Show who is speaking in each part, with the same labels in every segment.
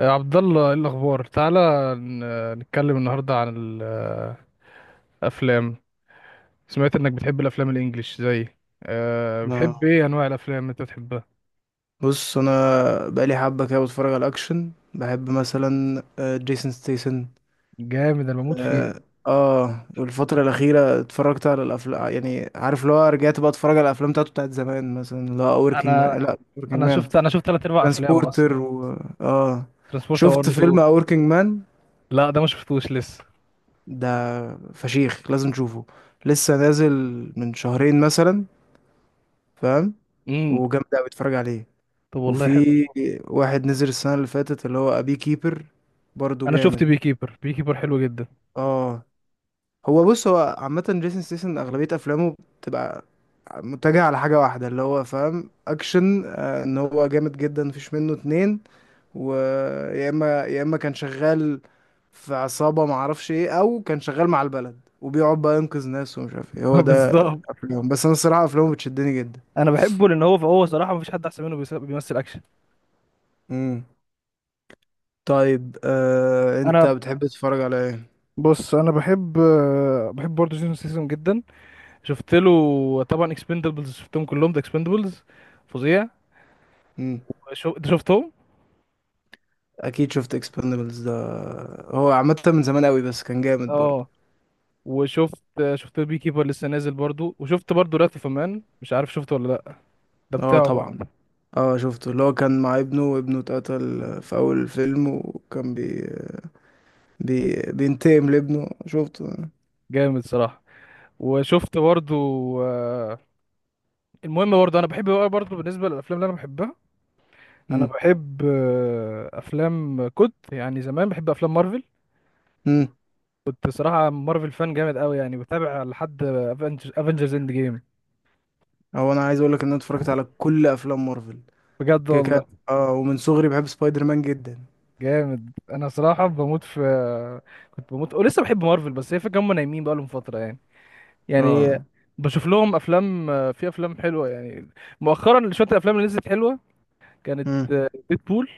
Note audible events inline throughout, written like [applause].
Speaker 1: يا عبد الله، ايه الاخبار؟ تعالى نتكلم النهارده عن الافلام. سمعت انك بتحب الافلام الانجليش، زي أه بتحب
Speaker 2: آه.
Speaker 1: ايه انواع الافلام اللي انت بتحبها؟
Speaker 2: بص انا بقالي حبه كده بتفرج على الاكشن، بحب مثلا جيسون ستيسن.
Speaker 1: جامد، انا بموت فيه.
Speaker 2: اه والفتره الاخيره اتفرجت على الافلام، يعني عارف اللي هو رجعت بقى اتفرج على الافلام بتاعته بتاعت زمان، مثلا اللي هو وركينج مان،
Speaker 1: انا
Speaker 2: لا وركينج
Speaker 1: انا
Speaker 2: مان
Speaker 1: شفت انا شفت ثلاث ارباع افلامه
Speaker 2: ترانسبورتر
Speaker 1: اصلا.
Speaker 2: اه،
Speaker 1: ترانسبورتر 1
Speaker 2: شفت
Speaker 1: و
Speaker 2: فيلم
Speaker 1: 2.
Speaker 2: وركينج مان
Speaker 1: لا، ده ما شفتوش لسه.
Speaker 2: ده، فشيخ، لازم تشوفه. لسه نازل من شهرين مثلا، فاهم؟
Speaker 1: امم
Speaker 2: وجامد قوي، اتفرج عليه.
Speaker 1: طب والله
Speaker 2: وفي
Speaker 1: حلو.
Speaker 2: واحد نزل السنة اللي فاتت اللي هو أبي كيبر، برضو
Speaker 1: انا شفت
Speaker 2: جامد.
Speaker 1: بي كيبر. بي كيبر حلو جدا.
Speaker 2: اه، هو بص، هو عامة جيسون ستاثام أغلبية أفلامه بتبقى متجهة على حاجة واحدة، اللي هو فاهم، أكشن، إن هو جامد جدا، مفيش منه اتنين. ويا إما يا إما كان شغال في عصابة معرفش إيه، أو كان شغال مع البلد وبيقعد بقى ينقذ ناس ومش عارف إيه
Speaker 1: [laughs]
Speaker 2: هو ده.
Speaker 1: بالظبط.
Speaker 2: أفلامه، بس أنا الصراحة أفلامه بتشدني جدا.
Speaker 1: انا بحبه لان هو صراحه مفيش حد احسن منه بيمثل اكشن.
Speaker 2: مم. طيب أنت
Speaker 1: انا،
Speaker 2: بتحب تتفرج على
Speaker 1: بص، انا بحب، بحب برضه جون سيسون جدا. شفت له طبعا اكسبندبلز، شفتهم كلهم ده. اكسبندبلز فظيع.
Speaker 2: إيه؟
Speaker 1: انت شفتهم؟
Speaker 2: اكيد شفت اكسبندبلز ده، هو عامه من زمان قوي بس كان جامد برضه.
Speaker 1: اه، وشفت البي كيبر لسه نازل برضو، وشفت برضو رات اوف مان. مش عارف شفته ولا لا. ده
Speaker 2: اه
Speaker 1: بتاعه برضو.
Speaker 2: طبعا. اه شفته، اللي هو كان مع ابنه وابنه اتقتل في اول الفيلم، وكان بينتقم لابنه، شفته.
Speaker 1: جامد صراحة. وشفت برضو آه، المهم، برضو انا بحب بقى، برضو بالنسبة للافلام اللي انا بحبها، انا
Speaker 2: امم.
Speaker 1: بحب، افلام كنت يعني زمان بحب افلام مارفل.
Speaker 2: امم.
Speaker 1: كنت صراحة مارفل فان جامد قوي يعني، بتابع لحد افنجرز اند جيم.
Speaker 2: هو انا عايز اقول لك ان انا اتفرجت على كل افلام مارفل،
Speaker 1: بجد
Speaker 2: كده كده.
Speaker 1: والله.
Speaker 2: اه، ومن صغري بحب سبايدر مان جدا.
Speaker 1: جامد، انا صراحه بموت في. كنت بموت ولسه بحب مارفل، بس هي فكره هم نايمين بقى لهم فتره يعني
Speaker 2: اه.
Speaker 1: بشوف لهم افلام. في افلام حلوه يعني مؤخرا، شويه الافلام اللي نزلت حلوه. كانت
Speaker 2: امم.
Speaker 1: ديدبول.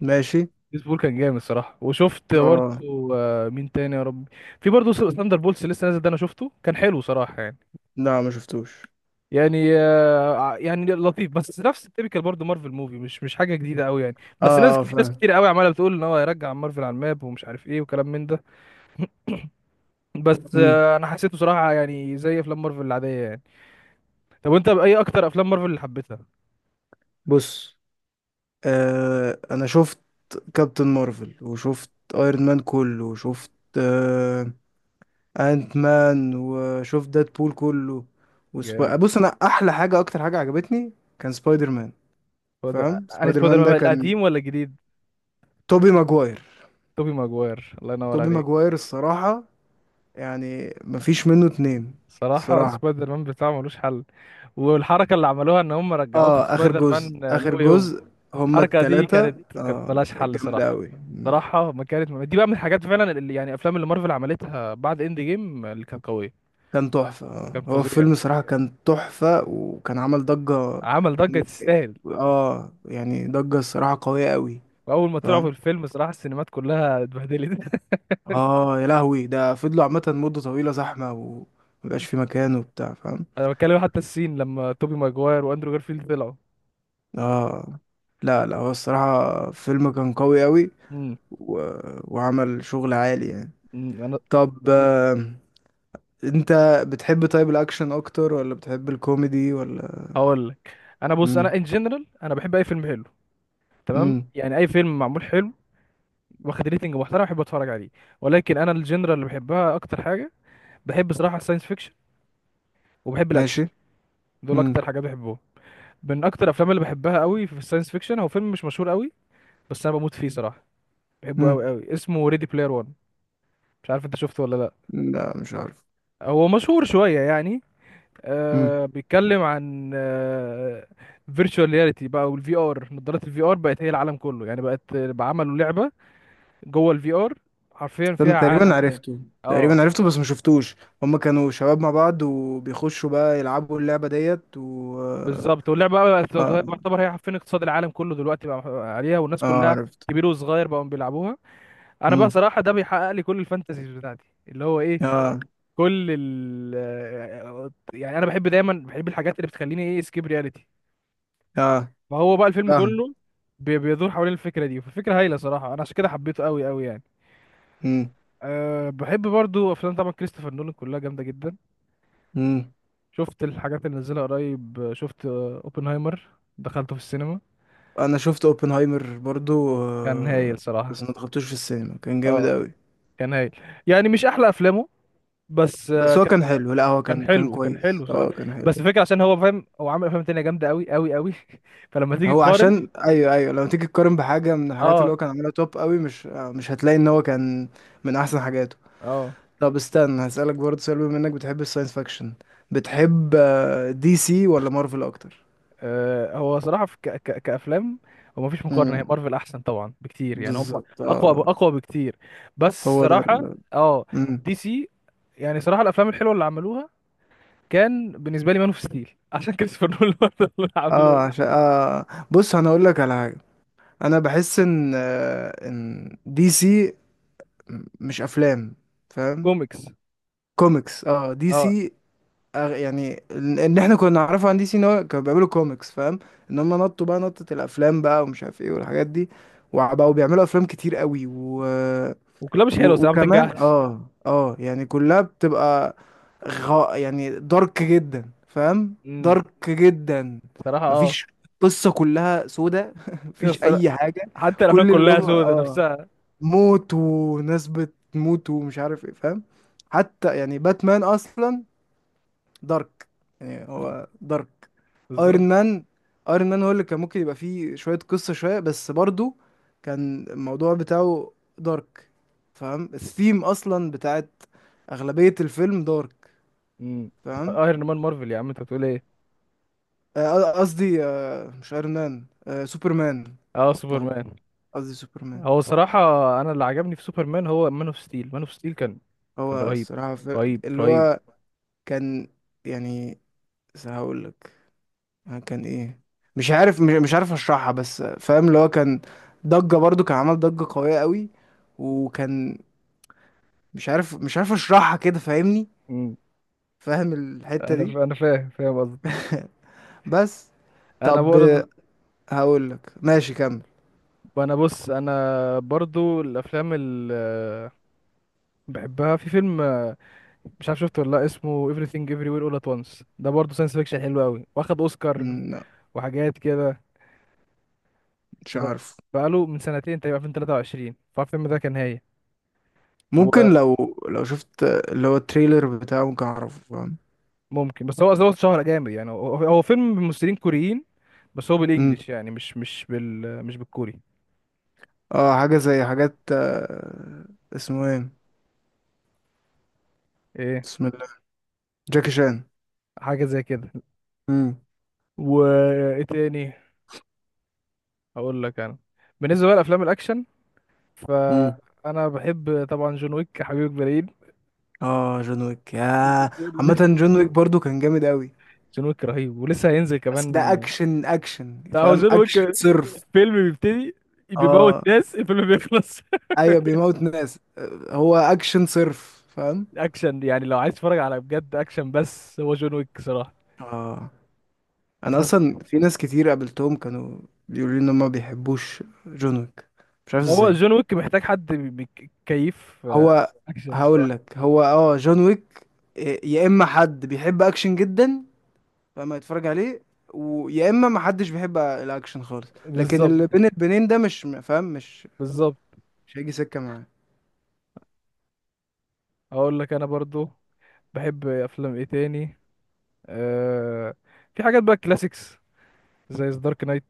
Speaker 2: ماشي.
Speaker 1: ديدبول كان جامد صراحه. وشفت برضه،
Speaker 2: اه.
Speaker 1: مين تاني يا رب، في برضه ثاندر بولس لسه نازل. ده انا شفته، كان حلو صراحه يعني.
Speaker 2: لا، ما شفتوش.
Speaker 1: يعني، يعني لطيف، بس نفس التيبيكال برضه مارفل موفي، مش حاجه جديده قوي يعني.
Speaker 2: اه.
Speaker 1: بس ناس كتير ناس
Speaker 2: فاهم.
Speaker 1: كتير قوي عماله بتقول ان هو هيرجع مارفل على الماب، ومش عارف ايه وكلام من ده. بس،
Speaker 2: امم.
Speaker 1: انا حسيته صراحه يعني زي افلام مارفل العاديه يعني. طب وانت، باي اكتر افلام مارفل اللي حبيتها؟
Speaker 2: بص انا شفت كابتن مارفل، وشفت ايرون مان كله، وشفت آه انت مان، وشفت ديد بول كله،
Speaker 1: جامد.
Speaker 2: بص انا احلى حاجه، اكتر حاجه عجبتني كان سبايدر مان. فاهم؟
Speaker 1: انا
Speaker 2: سبايدر
Speaker 1: سبايدر
Speaker 2: مان ده
Speaker 1: مان
Speaker 2: كان
Speaker 1: القديم ولا الجديد؟
Speaker 2: توبي ماجواير.
Speaker 1: توبي ماجواير، الله ينور
Speaker 2: توبي
Speaker 1: عليك.
Speaker 2: ماجواير الصراحه، يعني مفيش منه اتنين.
Speaker 1: صراحه
Speaker 2: الصراحه.
Speaker 1: سبايدر مان بتاعه ملوش حل. والحركه اللي عملوها ان هم رجعوه في
Speaker 2: اه، اخر
Speaker 1: سبايدر
Speaker 2: جزء،
Speaker 1: مان، نو
Speaker 2: اخر
Speaker 1: واي هوم،
Speaker 2: جزء. هما
Speaker 1: الحركه دي
Speaker 2: التلاتة
Speaker 1: كانت
Speaker 2: اه
Speaker 1: ملهاش
Speaker 2: كانت
Speaker 1: حل
Speaker 2: جامدة
Speaker 1: صراحه.
Speaker 2: أوي.
Speaker 1: صراحه ما كانت دي بقى من الحاجات فعلا اللي يعني افلام اللي مارفل عملتها بعد اند جيم اللي كانت قويه.
Speaker 2: كان تحفة. آه.
Speaker 1: كان
Speaker 2: هو
Speaker 1: فظيع.
Speaker 2: الفيلم صراحة كان تحفة، وكان عمل ضجة.
Speaker 1: عمل ضجه
Speaker 2: م-
Speaker 1: تستاهل.
Speaker 2: اه يعني ضجة الصراحة قوية قوي.
Speaker 1: واول ما طلعوا في
Speaker 2: فاهم؟
Speaker 1: الفيلم صراحه السينمات كلها اتبهدلت.
Speaker 2: اه، يا لهوي، ده فضلوا عامة مدة طويلة زحمة ومبقاش في مكان وبتاع، فاهم؟
Speaker 1: انا بتكلم حتى السين لما توبي ماجواير واندرو جارفيلد طلعوا.
Speaker 2: اه لا لا، هو الصراحة فيلم كان قوي قوي،
Speaker 1: امم
Speaker 2: و... وعمل شغل عالي يعني.
Speaker 1: أمم، انا
Speaker 2: طب انت بتحب طيب، الاكشن اكتر ولا بتحب الكوميدي ولا؟
Speaker 1: هقول لك. انا، بص، انا
Speaker 2: امم.
Speaker 1: ان جنرال انا بحب اي فيلم حلو، تمام،
Speaker 2: امم.
Speaker 1: يعني اي فيلم معمول حلو، واخد ريتنج محترم، بحب اتفرج عليه. ولكن انا الجنرال اللي بحبها اكتر حاجه، بحب صراحه الساينس فيكشن وبحب الاكشن.
Speaker 2: ماشي.
Speaker 1: دول
Speaker 2: امم.
Speaker 1: اكتر حاجات بحبهم. من اكتر الافلام اللي بحبها قوي في الساينس فيكشن هو فيلم مش مشهور قوي، بس انا بموت فيه صراحه. بحبه
Speaker 2: امم.
Speaker 1: قوي قوي. اسمه ريدي بلاير 1. مش عارف انت شفته ولا لا.
Speaker 2: لا مش عارف.
Speaker 1: هو مشهور شويه يعني. آه، بيتكلم عن، فيرتشوال رياليتي بقى، والفي ار، نظارات الفي ار بقت هي العالم كله يعني. بقت بقى عملوا لعبة جوه الفي ار، حرفيا
Speaker 2: كان
Speaker 1: فيها
Speaker 2: تقريبا
Speaker 1: عالم تاني.
Speaker 2: عرفته.
Speaker 1: اه
Speaker 2: تقريبا عرفته بس ما شفتوش. هما كانوا شباب مع بعض وبيخشوا بقى يلعبوا اللعبة ديت و...
Speaker 1: بالظبط. واللعبة بقى بقت
Speaker 2: اه.
Speaker 1: تعتبر هي حرفيا اقتصاد العالم كله دلوقتي بقى، عليها، والناس
Speaker 2: اه
Speaker 1: كلها،
Speaker 2: عرفت.
Speaker 1: كبير وصغير، بقوا بيلعبوها. انا بقى
Speaker 2: امم.
Speaker 1: صراحة ده بيحقق لي كل الفانتازيز بتاعتي اللي هو ايه،
Speaker 2: اه.
Speaker 1: كل ال آه، يعني انا بحب دايما بحب الحاجات اللي بتخليني ايه، سكيب رياليتي.
Speaker 2: اه
Speaker 1: فهو بقى الفيلم
Speaker 2: فاهم.
Speaker 1: كله بيدور حوالين الفكره دي. فالفكره هايله صراحه، انا عشان كده حبيته قوي قوي يعني.
Speaker 2: امم.
Speaker 1: أه، بحب برضو افلام طبعا كريستوفر نولان كلها جامده جدا.
Speaker 2: امم
Speaker 1: شفت الحاجات اللي نزلها قريب، شفت، اوبنهايمر. دخلته في السينما.
Speaker 2: انا شفت اوبنهايمر برضو،
Speaker 1: كان هايل
Speaker 2: بس
Speaker 1: صراحه.
Speaker 2: ما دخلتوش في السينما، كان جامد
Speaker 1: اه
Speaker 2: قوي.
Speaker 1: كان هايل. يعني مش احلى افلامه، بس،
Speaker 2: بس هو كان
Speaker 1: كان
Speaker 2: حلو، لا هو
Speaker 1: كان
Speaker 2: كان
Speaker 1: حلو، كان
Speaker 2: كويس،
Speaker 1: حلو صراحه.
Speaker 2: اه كان حلو.
Speaker 1: بس الفكره عشان هو فاهم هو عامل افلام تانية جامده قوي قوي قوي. [laughs] فلما تيجي
Speaker 2: هو
Speaker 1: تقارن،
Speaker 2: عشان ايوه ايوه، لو تيجي تقارن بحاجة من الحاجات
Speaker 1: اه
Speaker 2: اللي هو كان عاملها توب قوي، مش آه، مش هتلاقي ان هو كان من احسن حاجاته.
Speaker 1: اه
Speaker 2: طب استنى، هسألك برضه سؤال. بما انك بتحب الساينس فاكشن، بتحب دي سي ولا مارفل اكتر؟
Speaker 1: هو صراحة في ك ك كأفلام، هو مفيش مقارنة، هي
Speaker 2: امم.
Speaker 1: مارفل أحسن طبعا بكتير يعني. هم
Speaker 2: بالظبط
Speaker 1: أقوى
Speaker 2: اه.
Speaker 1: أقوى بكتير. بس
Speaker 2: هو ده
Speaker 1: صراحة، اه
Speaker 2: امم.
Speaker 1: دي سي، يعني صراحة الأفلام الحلوة اللي عملوها كان بالنسبة لي مان اوف ستيل. [laughs] عشان كريستوفر نولان برضه اللي
Speaker 2: اه
Speaker 1: عملوه لي.
Speaker 2: عشان بص انا اقول لك على حاجه، انا بحس ان ان دي سي مش افلام، فاهم؟
Speaker 1: كوميكس.
Speaker 2: كوميكس. اه، دي
Speaker 1: اه،
Speaker 2: سي. يعني ان احنا كنا نعرفه عن دي سي ان هو كانوا بيعملوا كوميكس، فاهم؟ ان هم نطوا بقى نطة الافلام بقى ومش عارف ايه والحاجات دي، وبقوا بيعملوا افلام كتير قوي
Speaker 1: وكلها مش حلوة صراحة، ما
Speaker 2: وكمان
Speaker 1: بتنجحش.
Speaker 2: يعني كلها بتبقى يعني دارك جدا. فاهم؟
Speaker 1: امم
Speaker 2: دارك جدا.
Speaker 1: صراحة اه.
Speaker 2: مفيش قصة، كلها سودة [laughs] مفيش
Speaker 1: الصرا-
Speaker 2: اي حاجة.
Speaker 1: حتى الأفلام
Speaker 2: كل اللي
Speaker 1: كلها
Speaker 2: هم
Speaker 1: سودة
Speaker 2: اه
Speaker 1: نفسها.
Speaker 2: موت وناس بتموت ومش عارف ايه، فاهم؟ حتى يعني باتمان اصلا دارك، يعني هو دارك.
Speaker 1: بالظبط.
Speaker 2: ايرون مان. ايرون مان هو اللي كان ممكن يبقى فيه شوية قصة شوية، بس برضو كان الموضوع بتاعه دارك. فاهم؟ الثيم اصلا بتاعت اغلبية الفيلم دارك.
Speaker 1: بس
Speaker 2: فاهم؟
Speaker 1: ايرون مان مارفل يا عم، انت بتقول ايه؟
Speaker 2: قصدي مش ايرون مان، سوبرمان.
Speaker 1: اه
Speaker 2: اتلخبطت،
Speaker 1: سوبرمان.
Speaker 2: قصدي سوبرمان.
Speaker 1: هو صراحة أنا اللي عجبني في سوبرمان هو مان أوف ستيل. مان أوف ستيل كان
Speaker 2: هو
Speaker 1: رهيب.
Speaker 2: الصراحة
Speaker 1: رهيب
Speaker 2: اللي
Speaker 1: رهيب.
Speaker 2: هو كان، يعني هقول لك كان ايه، مش عارف، مش عارف اشرحها، بس فاهم اللي هو كان ضجة برضو، كان عمل ضجة قوية قوي، وكان مش عارف، مش عارف اشرحها كده، فاهمني؟
Speaker 1: مم.
Speaker 2: فاهم الحتة دي.
Speaker 1: أنا فاهم، فاهم قصدي.
Speaker 2: [laughs] بس.
Speaker 1: أنا
Speaker 2: طب
Speaker 1: برضه.
Speaker 2: هقول لك ماشي كمل.
Speaker 1: أنا، بص، أنا برضو الأفلام اللي بحبها في فيلم، مش عارف شفته ولا لأ، اسمه Everything Everywhere All At Once. ده برضه ساينس فيكشن حلو أوي، واخد أوسكار
Speaker 2: مم، لا.
Speaker 1: وحاجات كده.
Speaker 2: مش
Speaker 1: ده
Speaker 2: عارف.
Speaker 1: بقاله من سنتين تقريبا، 2023. فالفيلم ده كان هايل.
Speaker 2: ممكن لو، لو شفت اللي هو التريلر بتاعه ممكن اعرفه، فاهم؟
Speaker 1: وممكن، بس هو اتشهر جامد يعني. هو فيلم ممثلين كوريين، بس هو
Speaker 2: مم.
Speaker 1: بالانجلش يعني، مش مش بالكوري.
Speaker 2: اه حاجة زي حاجات اسمه ايه،
Speaker 1: ايه،
Speaker 2: بسم الله، جاكي شان.
Speaker 1: حاجه زي كده.
Speaker 2: مم.
Speaker 1: وايه تاني؟ اقول لك انا، بالنسبه بقى لافلام الاكشن،
Speaker 2: مم.
Speaker 1: فانا بحب طبعا جون ويك، حبيب البرايد.
Speaker 2: اه جون ويك، يا. عامة
Speaker 1: [laughs]
Speaker 2: جون ويك برضو كان جامد قوي،
Speaker 1: جون ويك رهيب، ولسه هينزل
Speaker 2: بس
Speaker 1: كمان.
Speaker 2: ده اكشن اكشن،
Speaker 1: ده هو
Speaker 2: فاهم
Speaker 1: جون ويك،
Speaker 2: اكشن صرف.
Speaker 1: فيلم بيبتدي بيموت
Speaker 2: اه.
Speaker 1: ناس، الفيلم بيخلص. [laughs]
Speaker 2: ايوه بيموت ناس، هو اكشن صرف، فاهم؟
Speaker 1: اكشن يعني، لو عايز تتفرج على بجد اكشن، بس هو جون ويك صراحه.
Speaker 2: اه، انا
Speaker 1: انا
Speaker 2: اصلا
Speaker 1: صراحة.
Speaker 2: في ناس كتير قابلتهم كانوا بيقولوا لي ان هم ما بيحبوش جون ويك، مش عارف
Speaker 1: هو
Speaker 2: ازاي.
Speaker 1: جون ويك محتاج حد كيف،
Speaker 2: هو
Speaker 1: اكشن
Speaker 2: هقول
Speaker 1: صراحه.
Speaker 2: لك، هو اه جون ويك، يا اما حد بيحب اكشن جدا فما يتفرج عليه، ويا اما ما حدش بيحب الاكشن خالص. لكن
Speaker 1: بالظبط،
Speaker 2: اللي بين البنين ده مش فاهم مش
Speaker 1: بالظبط.
Speaker 2: مش هيجي سكة معاه.
Speaker 1: اقول لك انا برضو بحب افلام ايه تاني. أه في حاجات بقى كلاسيكس زي دارك نايت،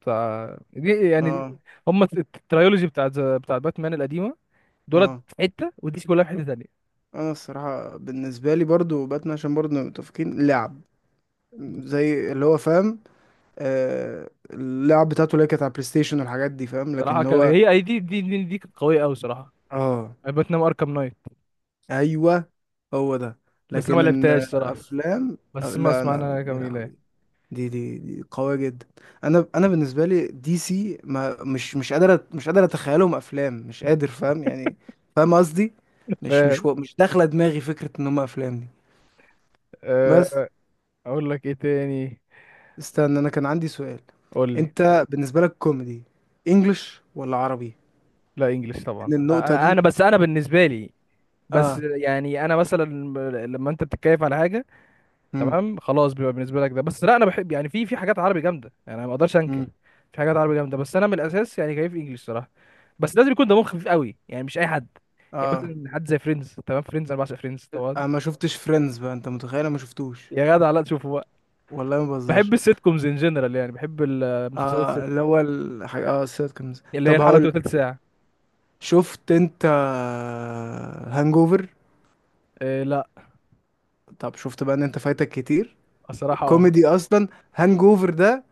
Speaker 1: بتاع دي يعني،
Speaker 2: اه.
Speaker 1: هم الترايولوجي بتاعت باتمان القديمه. دولت
Speaker 2: اه،
Speaker 1: في حته ودي كلها في حته تانية.
Speaker 2: انا الصراحة بالنسبة لي برضو باتمان، عشان برضو نبقى متفقين، لعب زي اللي هو فاهم، آه اللعب بتاعته اللي هي كانت على بلاي ستيشن والحاجات دي، فاهم؟
Speaker 1: بصراحه
Speaker 2: لكن
Speaker 1: كان
Speaker 2: هو
Speaker 1: هي أي دي كانت قويه قوي صراحه،
Speaker 2: اه
Speaker 1: يعني باتمان اركام نايت.
Speaker 2: ايوه هو ده.
Speaker 1: بس انا ما
Speaker 2: لكن
Speaker 1: لعبتهاش
Speaker 2: ان
Speaker 1: صراحه،
Speaker 2: افلام، أو
Speaker 1: بس ما
Speaker 2: لا انا
Speaker 1: اسمعنا
Speaker 2: يا
Speaker 1: جميله يعني.
Speaker 2: لهوي، دي قوية جدا. انا بالنسبة لي دي سي، ما مش مش قادر اتخيلهم افلام، مش قادر، فاهم يعني؟ فاهم قصدي؟
Speaker 1: [laughs] فاهم.
Speaker 2: مش داخلة دماغي فكرة ان هم افلام. بس
Speaker 1: أه اقول لك ايه تاني.
Speaker 2: استنى، انا كان عندي سؤال.
Speaker 1: قول لي.
Speaker 2: انت بالنسبه لك كوميدي انجلش ولا عربي؟
Speaker 1: لا انجلش طبعا.
Speaker 2: ان النقطه دي.
Speaker 1: انا بس انا بالنسبه لي، بس
Speaker 2: اه.
Speaker 1: يعني انا مثلا، لما انت بتتكيف على حاجه،
Speaker 2: امم.
Speaker 1: تمام، خلاص، بيبقى بالنسبه لك ده. بس لا، انا بحب يعني، في حاجات عربي جامده يعني، انا ما اقدرش انكر.
Speaker 2: امم.
Speaker 1: في حاجات عربي جامده، بس انا من الاساس يعني كيف انجلش صراحه. بس لازم يكون دمهم خفيف قوي يعني، مش اي حد. يعني
Speaker 2: اه.
Speaker 1: مثلا حد زي فريندز، تمام، فريندز انا بعشق فريندز طبعا.
Speaker 2: انا ما شفتش فريندز بقى، انت متخيل انا ما شفتوش؟
Speaker 1: يا جدع لا تشوفه بقى.
Speaker 2: والله ما
Speaker 1: بحب
Speaker 2: بهزرش.
Speaker 1: السيت كومز ان جنرال، يعني بحب المسلسلات
Speaker 2: اه
Speaker 1: السيت،
Speaker 2: الاول حاجه، اه السيتكمز،
Speaker 1: اللي هي
Speaker 2: طب
Speaker 1: الحلقه
Speaker 2: هقول
Speaker 1: بتبقى
Speaker 2: لك،
Speaker 1: تلت ساعه.
Speaker 2: شفت انت هانجوفر؟
Speaker 1: إيه لا.
Speaker 2: طب شفت بقى ان انت فايتك كتير
Speaker 1: الصراحه اه،
Speaker 2: الكوميدي اصلا. هانجوفر ده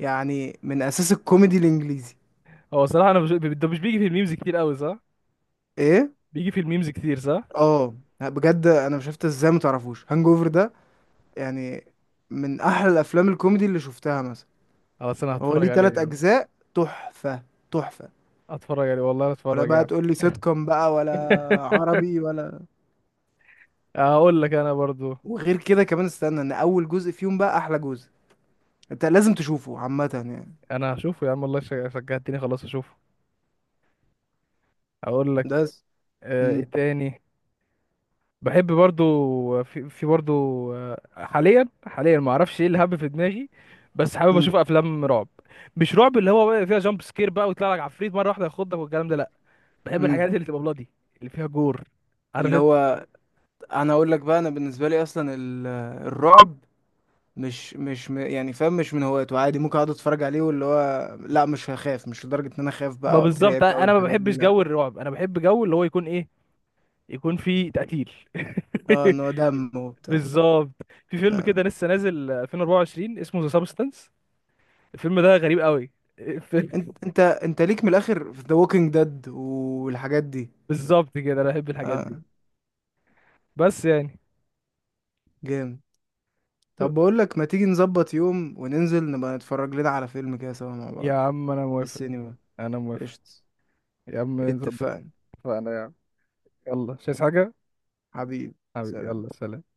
Speaker 2: يعني من اساس الكوميدي الانجليزي.
Speaker 1: هو الصراحه، انا مش ده مش بيجي في الميمز كتير قوي صح؟
Speaker 2: ايه.
Speaker 1: بيجي في الميمز كتير صح.
Speaker 2: اه، بجد انا مش شفت ازاي ما تعرفوش هانج اوفر ده، يعني من احلى الافلام الكوميدي اللي شفتها مثلا.
Speaker 1: خلاص انا
Speaker 2: هو
Speaker 1: هتفرج
Speaker 2: ليه
Speaker 1: عليه
Speaker 2: تلات
Speaker 1: يا عم.
Speaker 2: اجزاء، تحفه تحفه.
Speaker 1: هتفرج عليه والله
Speaker 2: ولا
Speaker 1: هتفرج يا
Speaker 2: بقى
Speaker 1: عم.
Speaker 2: تقول لي سيت كوم بقى، ولا عربي ولا؟
Speaker 1: هقول لك انا برضو.
Speaker 2: وغير كده كمان استنى ان اول جزء فيهم بقى احلى جزء، انت لازم تشوفه عامه يعني.
Speaker 1: انا هشوفه يا عم والله، شجعتني، خلاص اشوفه. هقول لك،
Speaker 2: ده س- مم.
Speaker 1: ايه تاني. بحب برضو في, برضو، حاليا، حاليا ما اعرفش ايه اللي هب في دماغي، بس حابب
Speaker 2: مم.
Speaker 1: اشوف افلام رعب. مش رعب اللي هو بقى فيها جامب سكير بقى ويطلع لك عفريت مره واحده ياخدك والكلام ده، لا. بحب
Speaker 2: مم.
Speaker 1: الحاجات اللي تبقى بلادي، اللي فيها جور، عارف
Speaker 2: اللي
Speaker 1: انت.
Speaker 2: هو انا اقول لك بقى، انا بالنسبه لي اصلا الرعب مش مش م- يعني فاهم، مش من هوايته، عادي ممكن اقعد اتفرج عليه، واللي هو لا مش هخاف، مش لدرجة ان انا اخاف
Speaker 1: ما
Speaker 2: بقى
Speaker 1: بالظبط،
Speaker 2: واترعب بقى
Speaker 1: انا ما
Speaker 2: والحاجات دي،
Speaker 1: بحبش
Speaker 2: لا.
Speaker 1: جو الرعب، انا بحب جو اللي هو يكون ايه، يكون فيه تقتيل.
Speaker 2: اه، ان هو
Speaker 1: [laughs]
Speaker 2: دم وبتاع.
Speaker 1: بالظبط. في فيلم
Speaker 2: آه.
Speaker 1: كده لسه نازل 2024 اسمه ذا سابستنس. الفيلم ده غريب قوي. [laughs] ف-
Speaker 2: انت ليك من الاخر في ذا ووكينج ديد والحاجات دي.
Speaker 1: بالظبط كده، انا بحب الحاجات دي.
Speaker 2: اه
Speaker 1: بس يعني.
Speaker 2: جامد. طب بقول لك، ما تيجي نظبط يوم وننزل نبقى نتفرج لنا على فيلم كده سوا مع
Speaker 1: يا
Speaker 2: بعض
Speaker 1: عم انا
Speaker 2: في
Speaker 1: موافق.
Speaker 2: السينما؟
Speaker 1: انا موافق.
Speaker 2: قشطة،
Speaker 1: يا عم نظبط.
Speaker 2: اتفقنا.
Speaker 1: فانا يا عم، يلا مش عايز حاجه.
Speaker 2: حبيبي،
Speaker 1: حبيبي
Speaker 2: سلام.
Speaker 1: يلا سلام.